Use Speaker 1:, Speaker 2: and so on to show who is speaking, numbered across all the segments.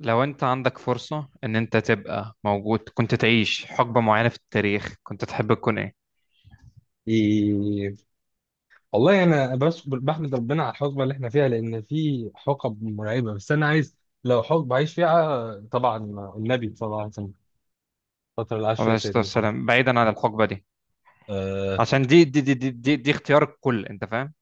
Speaker 1: لو انت عندك فرصة ان انت تبقى موجود كنت تعيش حقبة معينة في التاريخ، كنت تحب تكون ايه؟
Speaker 2: إيه. والله يعني انا بس بحمد ربنا على الحقبه اللي احنا فيها، لان في حقب مرعبه، بس انا عايز لو حقبه عايش فيها طبعا، النبي صلى الله عليه وسلم، الفتره اللي عاش
Speaker 1: عليه
Speaker 2: فيها
Speaker 1: الصلاة
Speaker 2: سيدنا محمد.
Speaker 1: والسلام. بعيدا عن الحقبة دي،
Speaker 2: آه.
Speaker 1: عشان دي اختيار الكل، انت فاهم؟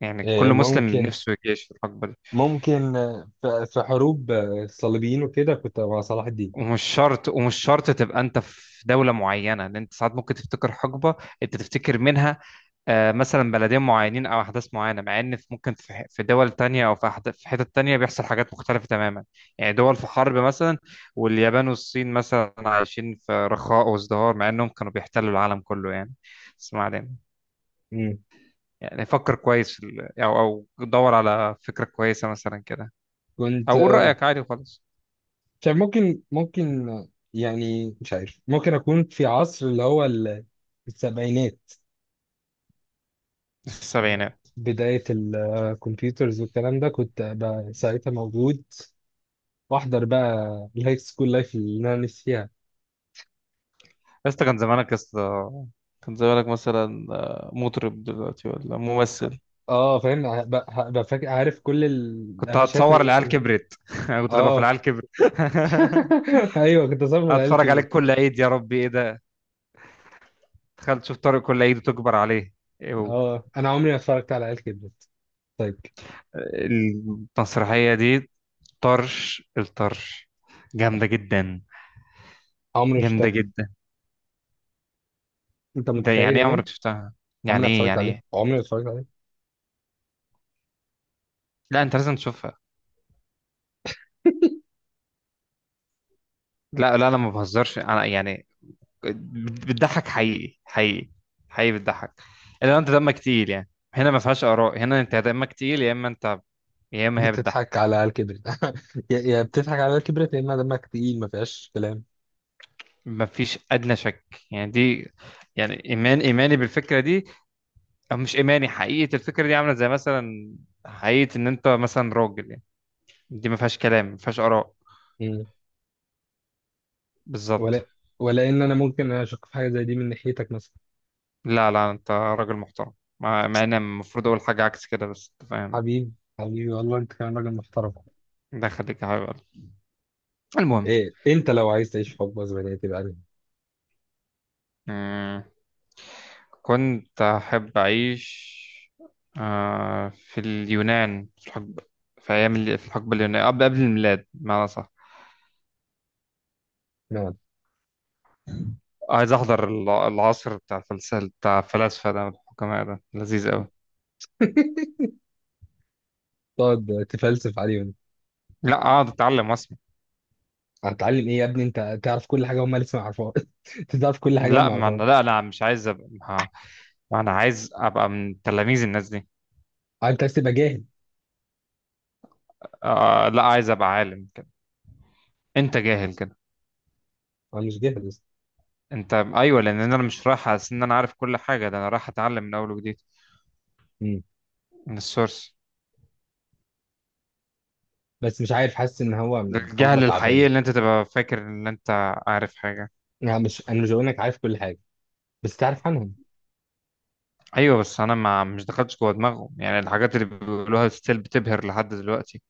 Speaker 1: يعني كل
Speaker 2: آه،
Speaker 1: مسلم
Speaker 2: ممكن.
Speaker 1: نفسه يعيش في الحقبة دي.
Speaker 2: ممكن، آه، في حروب، الصليبيين وكده، كنت مع صلاح الدين.
Speaker 1: ومش شرط تبقى انت في دولة معينة، لان انت ساعات ممكن تفتكر حقبة انت تفتكر منها. آه، مثلا بلدين معينين او احداث معينة، مع ان ممكن في دول تانية، او في حتت تانية بيحصل حاجات مختلفة تماما. يعني دول في حرب مثلا، واليابان والصين مثلا عايشين في رخاء وازدهار، مع انهم كانوا بيحتلوا العالم كله يعني. بس ما علينا.
Speaker 2: مم.
Speaker 1: يعني فكر كويس في ال- او او دور على فكرة كويسة مثلا كده،
Speaker 2: كنت،
Speaker 1: او قول رأيك عادي وخلاص.
Speaker 2: مش عارف. ممكن، يعني مش عارف، ممكن اكون في عصر اللي هو السبعينات،
Speaker 1: السبعينات؟
Speaker 2: بداية الكمبيوترز والكلام ده، كنت أبقى ساعتها موجود، وأحضر بقى الهاي سكول لايف اللي أنا نفسي فيها.
Speaker 1: يا اسطى كان زمانك، يا اسطى كان زمانك. مثلا آه، مطرب دلوقتي ولا ممثل؟
Speaker 2: أه، فاهم، هبقى فاكر، عارف كل
Speaker 1: كنت
Speaker 2: القفشات
Speaker 1: هتصور
Speaker 2: اللي
Speaker 1: العيال
Speaker 2: لسه.
Speaker 1: كبرت كنت هتبقى في
Speaker 2: أه.
Speaker 1: العيال كبرت
Speaker 2: أيوه، كنت صار من العيال
Speaker 1: هتفرج
Speaker 2: كبرت.
Speaker 1: عليك كل عيد، يا ربي ايه ده! تخيل تشوف طارق كل عيد وتكبر عليه، ايه هو!
Speaker 2: أه، أنا عمري ما اتفرجت على عيال كبرت. طيب.
Speaker 1: المسرحية دي طرش الطرش، جامدة جدا،
Speaker 2: عمري ما
Speaker 1: جامدة
Speaker 2: شفتها.
Speaker 1: جدا.
Speaker 2: أنت
Speaker 1: ده
Speaker 2: متخيل
Speaker 1: يعني
Speaker 2: يا
Speaker 1: ايه
Speaker 2: مان؟
Speaker 1: عمرك شفتها؟
Speaker 2: عمري ما
Speaker 1: يعني ايه
Speaker 2: اتفرجت
Speaker 1: يعني
Speaker 2: عليه،
Speaker 1: ايه!
Speaker 2: عمري ما اتفرجت عليه.
Speaker 1: لا انت لازم تشوفها. لا لا، انا ما بهزرش، انا يعني بتضحك حقيقي، حقيقي، حقيقي بتضحك. الا لو انت دمك تقيل، يعني هنا ما فيهاش اراء، هنا انت دمك تقيل يا اما انت، يا اما هي
Speaker 2: بتضحك على
Speaker 1: بتضحك.
Speaker 2: عيال كبرت. يا بتضحك على عيال كبرت، يا إما دمك تقيل، ما فيهاش كلام.
Speaker 1: ما فيش ادنى شك. يعني دي، يعني ايمان، ايماني بالفكره دي، او مش ايماني، حقيقه الفكره دي عامله زي مثلا حقيقه ان انت مثلا راجل يعني. دي ما فيهاش كلام، ما فيهاش اراء، بالظبط.
Speaker 2: ولا ولا ان انا ممكن اشك في حاجه زي دي من ناحيتك مثلا.
Speaker 1: لا لا، انت راجل محترم، مع ان المفروض اقول حاجه عكس كده، بس انت فاهم.
Speaker 2: حبيبي، حبيبي، والله انت كمان راجل محترم.
Speaker 1: ده خليك حبيب قلبي. المهم.
Speaker 2: ايه؟ انت لو عايز تعيش حب اسبانيه تبقى انهي؟
Speaker 1: مم. كنت أحب أعيش آه، في اليونان، في الحقبة، في الحقبة اليونانية، قبل الميلاد بمعنى صح.
Speaker 2: نعم.
Speaker 1: عايز أحضر العصر بتاع الفلسفة، بتاع الفلاسفة ده والحكماء، ده لذيذ أوي.
Speaker 2: تقعد تفلسف عليهم؟
Speaker 1: لا أقعد أتعلم وأسمع.
Speaker 2: هتتعلم ايه يا ابني؟ انت تعرف كل حاجه هم لسه ما يعرفوها. انت تعرف كل حاجه هم
Speaker 1: لا
Speaker 2: ما
Speaker 1: ما
Speaker 2: يعرفوها.
Speaker 1: أنا لا أنا مش عايز أبقى ما ما أنا عايز أبقى من تلاميذ الناس دي.
Speaker 2: آه، انت عايز تبقى جاهل.
Speaker 1: آه لا، عايز أبقى عالم كده. أنت جاهل كده.
Speaker 2: انا مش جاهل لسه.
Speaker 1: أنت أيوه، لأن أنا مش رايح أحس إن أنا عارف كل حاجة، ده أنا رايح أتعلم من أول وجديد،
Speaker 2: مم.
Speaker 1: من السورس.
Speaker 2: بس مش عارف، حاسس ان هو حقبه
Speaker 1: الجهل الحقيقي
Speaker 2: تعبان.
Speaker 1: اللي انت تبقى فاكر ان انت عارف حاجة.
Speaker 2: انا مش بقول انك عارف كل حاجه، بس تعرف عنهم.
Speaker 1: ايوه بس انا ما مش دخلتش جوه دماغه، يعني الحاجات اللي بيقولوها ستيل بتبهر لحد دلوقتي،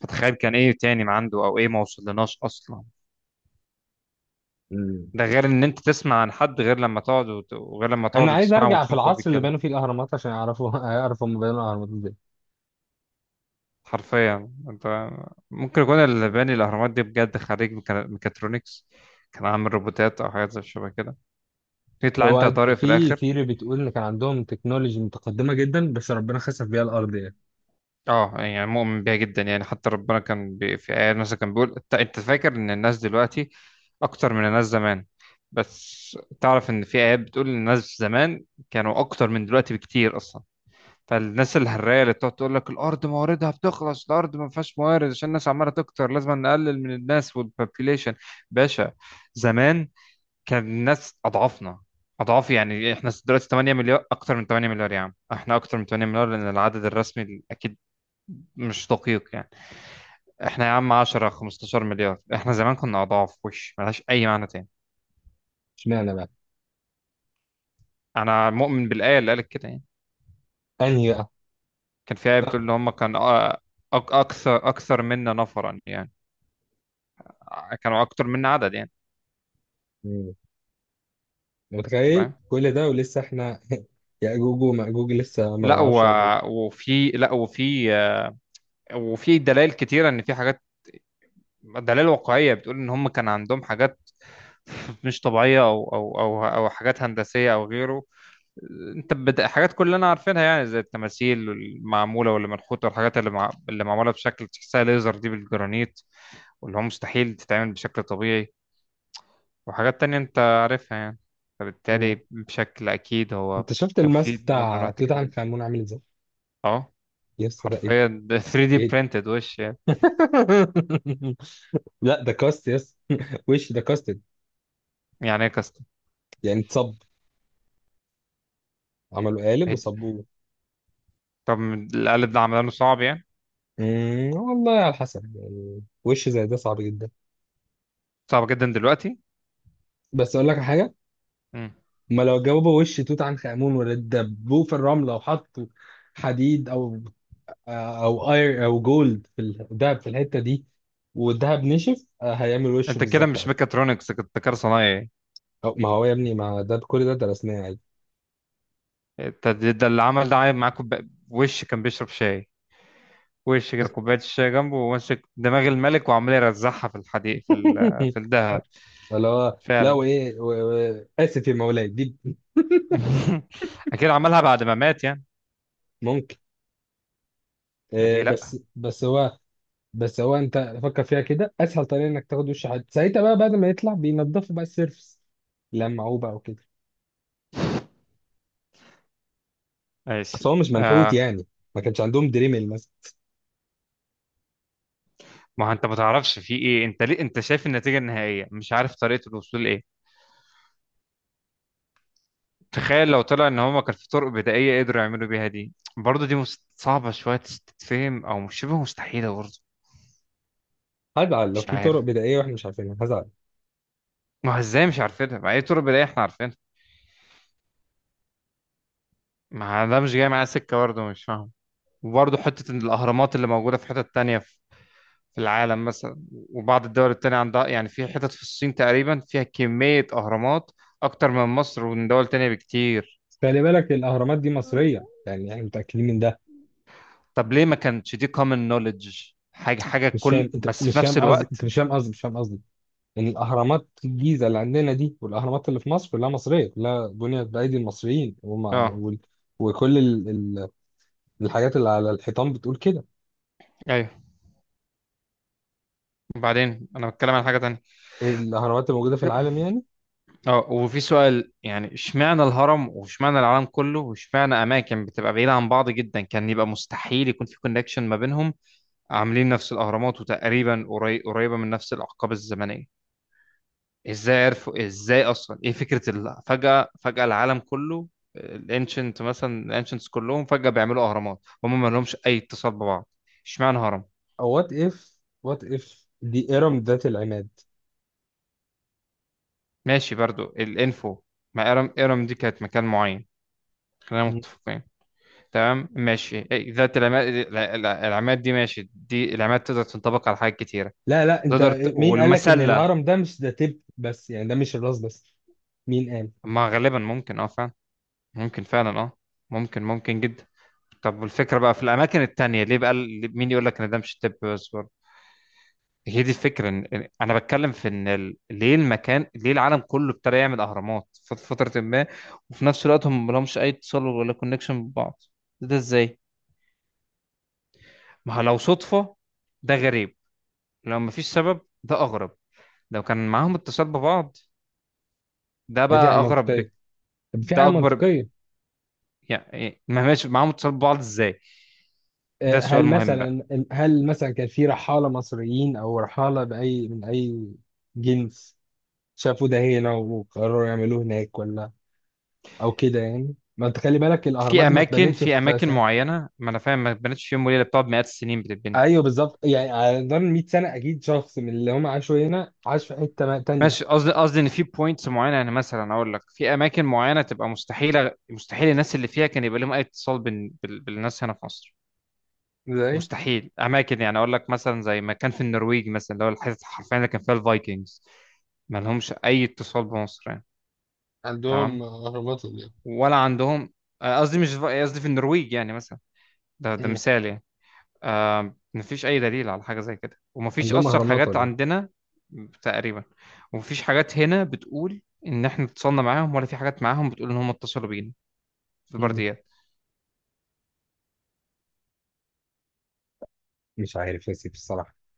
Speaker 1: فتخيل كان ايه تاني ما عنده او ايه ما وصلناش اصلا.
Speaker 2: مم.
Speaker 1: ده غير ان انت تسمع عن حد، غير لما تقعد وغير لما
Speaker 2: انا
Speaker 1: تقعد
Speaker 2: عايز
Speaker 1: وتسمعه
Speaker 2: ارجع في
Speaker 1: وتشوفه وهو
Speaker 2: العصر اللي
Speaker 1: بيتكلم.
Speaker 2: بنوا فيه الاهرامات عشان اعرف هم بنوا الاهرامات.
Speaker 1: حرفيا انت، ممكن يكون اللي باني الاهرامات دي بجد خريج ميكاترونكس، كان عامل روبوتات او حاجات زي شبه كده. يطلع انت يا
Speaker 2: هو
Speaker 1: طارق في
Speaker 2: في
Speaker 1: الاخر.
Speaker 2: ثيري بتقول ان كان عندهم تكنولوجي متقدمه جدا، بس ربنا خسف بيها الارض يعني.
Speaker 1: اه يعني مؤمن بيها جدا، يعني حتى ربنا كان بي في آيات مثلا كان بيقول، انت أنت فاكر ان الناس دلوقتي اكتر من الناس زمان، بس تعرف ان في آيات بتقول ان الناس زمان كانوا اكتر من دلوقتي بكتير اصلا. فالناس الهراية اللي بتقعد تقول لك الارض مواردها بتخلص، الارض ما فيهاش موارد عشان الناس عمالة تكتر، لازم نقلل من الناس والبوبيليشن، باشا زمان كان الناس اضعافنا، اضعاف. يعني احنا دلوقتي 8 مليار، اكتر من 8 مليار، يا عم احنا اكتر من 8 مليار، لان العدد الرسمي اكيد مش دقيق يعني. احنا يا عم 10 15 مليار، احنا زمان كنا اضعاف، وش ملهاش اي معنى تاني.
Speaker 2: اشمعنى بقى؟
Speaker 1: انا مؤمن بالايه اللي قالت كده يعني.
Speaker 2: انهي بقى؟
Speaker 1: كان في ايه
Speaker 2: لا.
Speaker 1: بتقول ان هم كان اكثر اكثر منا نفرا يعني، كانوا اكتر منا عدد يعني،
Speaker 2: مم.
Speaker 1: انت
Speaker 2: متخيل
Speaker 1: فاهم.
Speaker 2: كل ده ولسه احنا. ياجوج وماجوج لسه ما
Speaker 1: لا و...
Speaker 2: نعرفش عدد.
Speaker 1: وفي لا وفي وفي دلائل كتيره ان في حاجات، دلائل واقعيه بتقول ان هم كان عندهم حاجات مش طبيعيه، او حاجات هندسيه او غيره. حاجات كلنا عارفينها يعني، زي التماثيل المعموله واللي منحوته، والحاجات اللي معموله بشكل تحسها ليزر دي بالجرانيت، واللي هو مستحيل تتعمل بشكل طبيعي، وحاجات تانية انت عارفها يعني.
Speaker 2: مم.
Speaker 1: فبالتالي بشكل اكيد هو
Speaker 2: انت شفت
Speaker 1: كان في
Speaker 2: الماسك
Speaker 1: نوع من انواع
Speaker 2: بتاع توت عنخ
Speaker 1: التكنولوجيا.
Speaker 2: امون عامل ازاي؟
Speaker 1: اه،
Speaker 2: يا اسطى، ده ايه ده؟
Speaker 1: حرفيا ده 3D
Speaker 2: ايه ده؟
Speaker 1: printed وش يعني.
Speaker 2: لا، ده كاست يس. وش ده كاستد،
Speaker 1: يعني ايه كاستم.
Speaker 2: يعني اتصب، عملوا قالب وصبوه.
Speaker 1: طب القالب ده عملانه صعب يعني،
Speaker 2: مم، والله على حسب يعني، وش زي ده صعب جدا.
Speaker 1: صعب جدا دلوقتي.
Speaker 2: بس اقول لك على حاجه،
Speaker 1: مم.
Speaker 2: ما لو جاوبوا وش توت عنخ آمون ولا دبوه في الرملة، وحطوا حديد أو اير أو جولد، في الدهب في الحتة دي، والدهب نشف، هيعمل وشه
Speaker 1: انت كده
Speaker 2: بالظبط
Speaker 1: مش
Speaker 2: عادي.
Speaker 1: ميكاترونكس، كنت كده صنايعي.
Speaker 2: أو ما هو يا ابني، ما ده كل ده درسناه عادي.
Speaker 1: انت ده اللي عمل ده عامل معاكم وش كان بيشرب شاي، وش كده كوباية الشاي جنبه وماسك دماغ الملك وعمال يرزعها في الحديد في الدهب.
Speaker 2: اللي هو، لا
Speaker 1: فعلا.
Speaker 2: وإيه، آسف يا مولاي دي.
Speaker 1: أكيد عملها بعد ما مات يعني.
Speaker 2: ممكن، آه،
Speaker 1: ليه لأ.
Speaker 2: بس بس هو بس هو أنت فكر فيها كده، أسهل طريقة إنك تاخد وش حد ساعتها بقى بعد ما يطلع، بينضفوا بقى السيرفس، لمعوه بقى وكده.
Speaker 1: ماشي.
Speaker 2: بس هو مش منحوت
Speaker 1: آه،
Speaker 2: يعني، ما كانش عندهم دريمل مثلا.
Speaker 1: ما هو أنت ما تعرفش في إيه، أنت ليه أنت شايف النتيجة النهائية، مش عارف طريقة الوصول لإيه. تخيل لو طلع إن هما كان في طرق بدائية قدروا يعملوا بيها دي برضه، صعبة شوية تتفهم، أو مش شبه مستحيلة برضه.
Speaker 2: هزعل لو
Speaker 1: مش
Speaker 2: في
Speaker 1: عارف.
Speaker 2: طرق بدائية واحنا مش عارفينها، هزعل.
Speaker 1: ما هو إزاي مش عارفينها، ما أي طرق بدائية إحنا عارفينها. ما ده مش جاي معايا سكة برضه، مش فاهم. وبرضه حتة إن الأهرامات اللي موجودة في حتت تانية في في العالم مثلا، وبعض الدول التانية عندها، يعني في حتت في الصين تقريبا فيها كمية أهرامات أكتر من مصر ومن دول تانية بكتير.
Speaker 2: بس خلي بالك الأهرامات دي مصرية، يعني احنا متأكدين من ده.
Speaker 1: طب ليه ما كانتش دي common knowledge، حاجة حاجة
Speaker 2: مش فاهم،
Speaker 1: كل
Speaker 2: انت
Speaker 1: بس في
Speaker 2: مش
Speaker 1: نفس
Speaker 2: فاهم قصدي،
Speaker 1: الوقت.
Speaker 2: انت مش فاهم قصدي، مش فاهم قصدي ان الأهرامات الجيزة اللي عندنا دي والأهرامات اللي في مصر كلها مصرية، كلها بنيت بأيدي المصريين
Speaker 1: اه.
Speaker 2: وكل الحاجات اللي على الحيطان بتقول كده.
Speaker 1: ايوه وبعدين انا بتكلم عن حاجة تانية.
Speaker 2: الأهرامات الموجودة في العالم يعني.
Speaker 1: اه، وفي سؤال يعني، اشمعنى الهرم، واشمعنى العالم كله، واشمعنى اماكن بتبقى بعيدة عن بعض جدا كان يبقى مستحيل يكون في كونكشن ما بينهم، عاملين نفس الأهرامات، وتقريبا قريبة من نفس الأحقاب الزمنية. إزاي عرفوا، إزاي أصلا، إيه فكرة فجأة العالم كله، الانشنت مثلا، الانشنتس كلهم فجأة بيعملوا أهرامات، هم ما لهمش أي اتصال ببعض. اشمعنى هرم.
Speaker 2: أو وات إف، وات إف دي إرم ذات العماد.
Speaker 1: ماشي برضو الإنفو. ما إرم دي كانت مكان معين، خلينا متفقين، تمام ماشي. إيه، ذات العماد، العماد دي ماشي، دي العماد تقدر تنطبق على حاجات كتيرة.
Speaker 2: لا، لا، انت، مين قالك ان
Speaker 1: والمسلة.
Speaker 2: الهرم ده مش ده تب بس يعني ده مش الراس بس؟ مين قال؟
Speaker 1: ما غالبا ممكن اه فعلا، ممكن فعلا اه، ممكن جدا. طب والفكرة بقى في الأماكن التانية، ليه بقى مين يقول لك إن ده مش طب بس برضه. هي دي الفكرة، أنا بتكلم في إن ليه المكان، ليه العالم كله ابتدى يعمل أهرامات في فترة ما، وفي نفس الوقت هم ملهمش أي اتصال ولا كونكشن ببعض، ده إزاي؟ ما هو لو صدفة ده غريب، لو مفيش سبب ده أغرب، لو كان معاهم اتصال ببعض ده
Speaker 2: هي في حاجة
Speaker 1: بقى أغرب
Speaker 2: منطقية، طب في
Speaker 1: ده
Speaker 2: حاجة
Speaker 1: أكبر
Speaker 2: منطقية.
Speaker 1: يعني ما ماشي، معاهم اتصال ببعض إزاي؟
Speaker 2: آه،
Speaker 1: ده سؤال
Speaker 2: هل
Speaker 1: مهم بقى.
Speaker 2: مثلا هل مثلا كان في رحالة مصريين أو رحالة بأي من أي جنس شافوا ده هنا وقرروا يعملوه هناك، ولا أو كده يعني؟ ما أنت خلي بالك الأهرامات
Speaker 1: في
Speaker 2: دي ما
Speaker 1: اماكن
Speaker 2: اتبنتش
Speaker 1: في
Speaker 2: في
Speaker 1: اماكن
Speaker 2: سنة.
Speaker 1: معينه، ما انا فاهم، ما اتبنتش في يوم وليله، بتقعد مئات السنين بتتبني.
Speaker 2: أيوه بالظبط، يعني على مدار 100 سنة أكيد شخص من اللي هم عاشوا هنا عاش في حتة تانية.
Speaker 1: ماشي، قصدي ان في بوينتس معينه، يعني مثلا اقول لك في اماكن معينه تبقى مستحيله، مستحيل الناس اللي فيها كان يبقى لهم اي اتصال بالناس هنا في مصر.
Speaker 2: ازاي؟
Speaker 1: مستحيل اماكن، يعني اقول لك مثلا زي ما كان في النرويج مثلا، اللي هو الحته حرفيا اللي كان فيها الفايكنجز، ما لهمش اي اتصال بمصر يعني. تمام،
Speaker 2: عندهم اهرامات ولا ايه؟
Speaker 1: ولا عندهم. قصدي مش قصدي في النرويج يعني مثلا، ده ده
Speaker 2: مم.
Speaker 1: مثال يعني. آه، مفيش أي دليل على حاجة زي كده، ومفيش
Speaker 2: عندهم
Speaker 1: أصلا
Speaker 2: أهرامات
Speaker 1: حاجات
Speaker 2: ولا إيه؟
Speaker 1: عندنا. تقريبا. ومفيش حاجات هنا بتقول إن إحنا اتصلنا معاهم، ولا في حاجات معاهم بتقول إن هم اتصلوا بينا، في
Speaker 2: مم.
Speaker 1: البرديات.
Speaker 2: مش عارف يا سيدي الصراحة.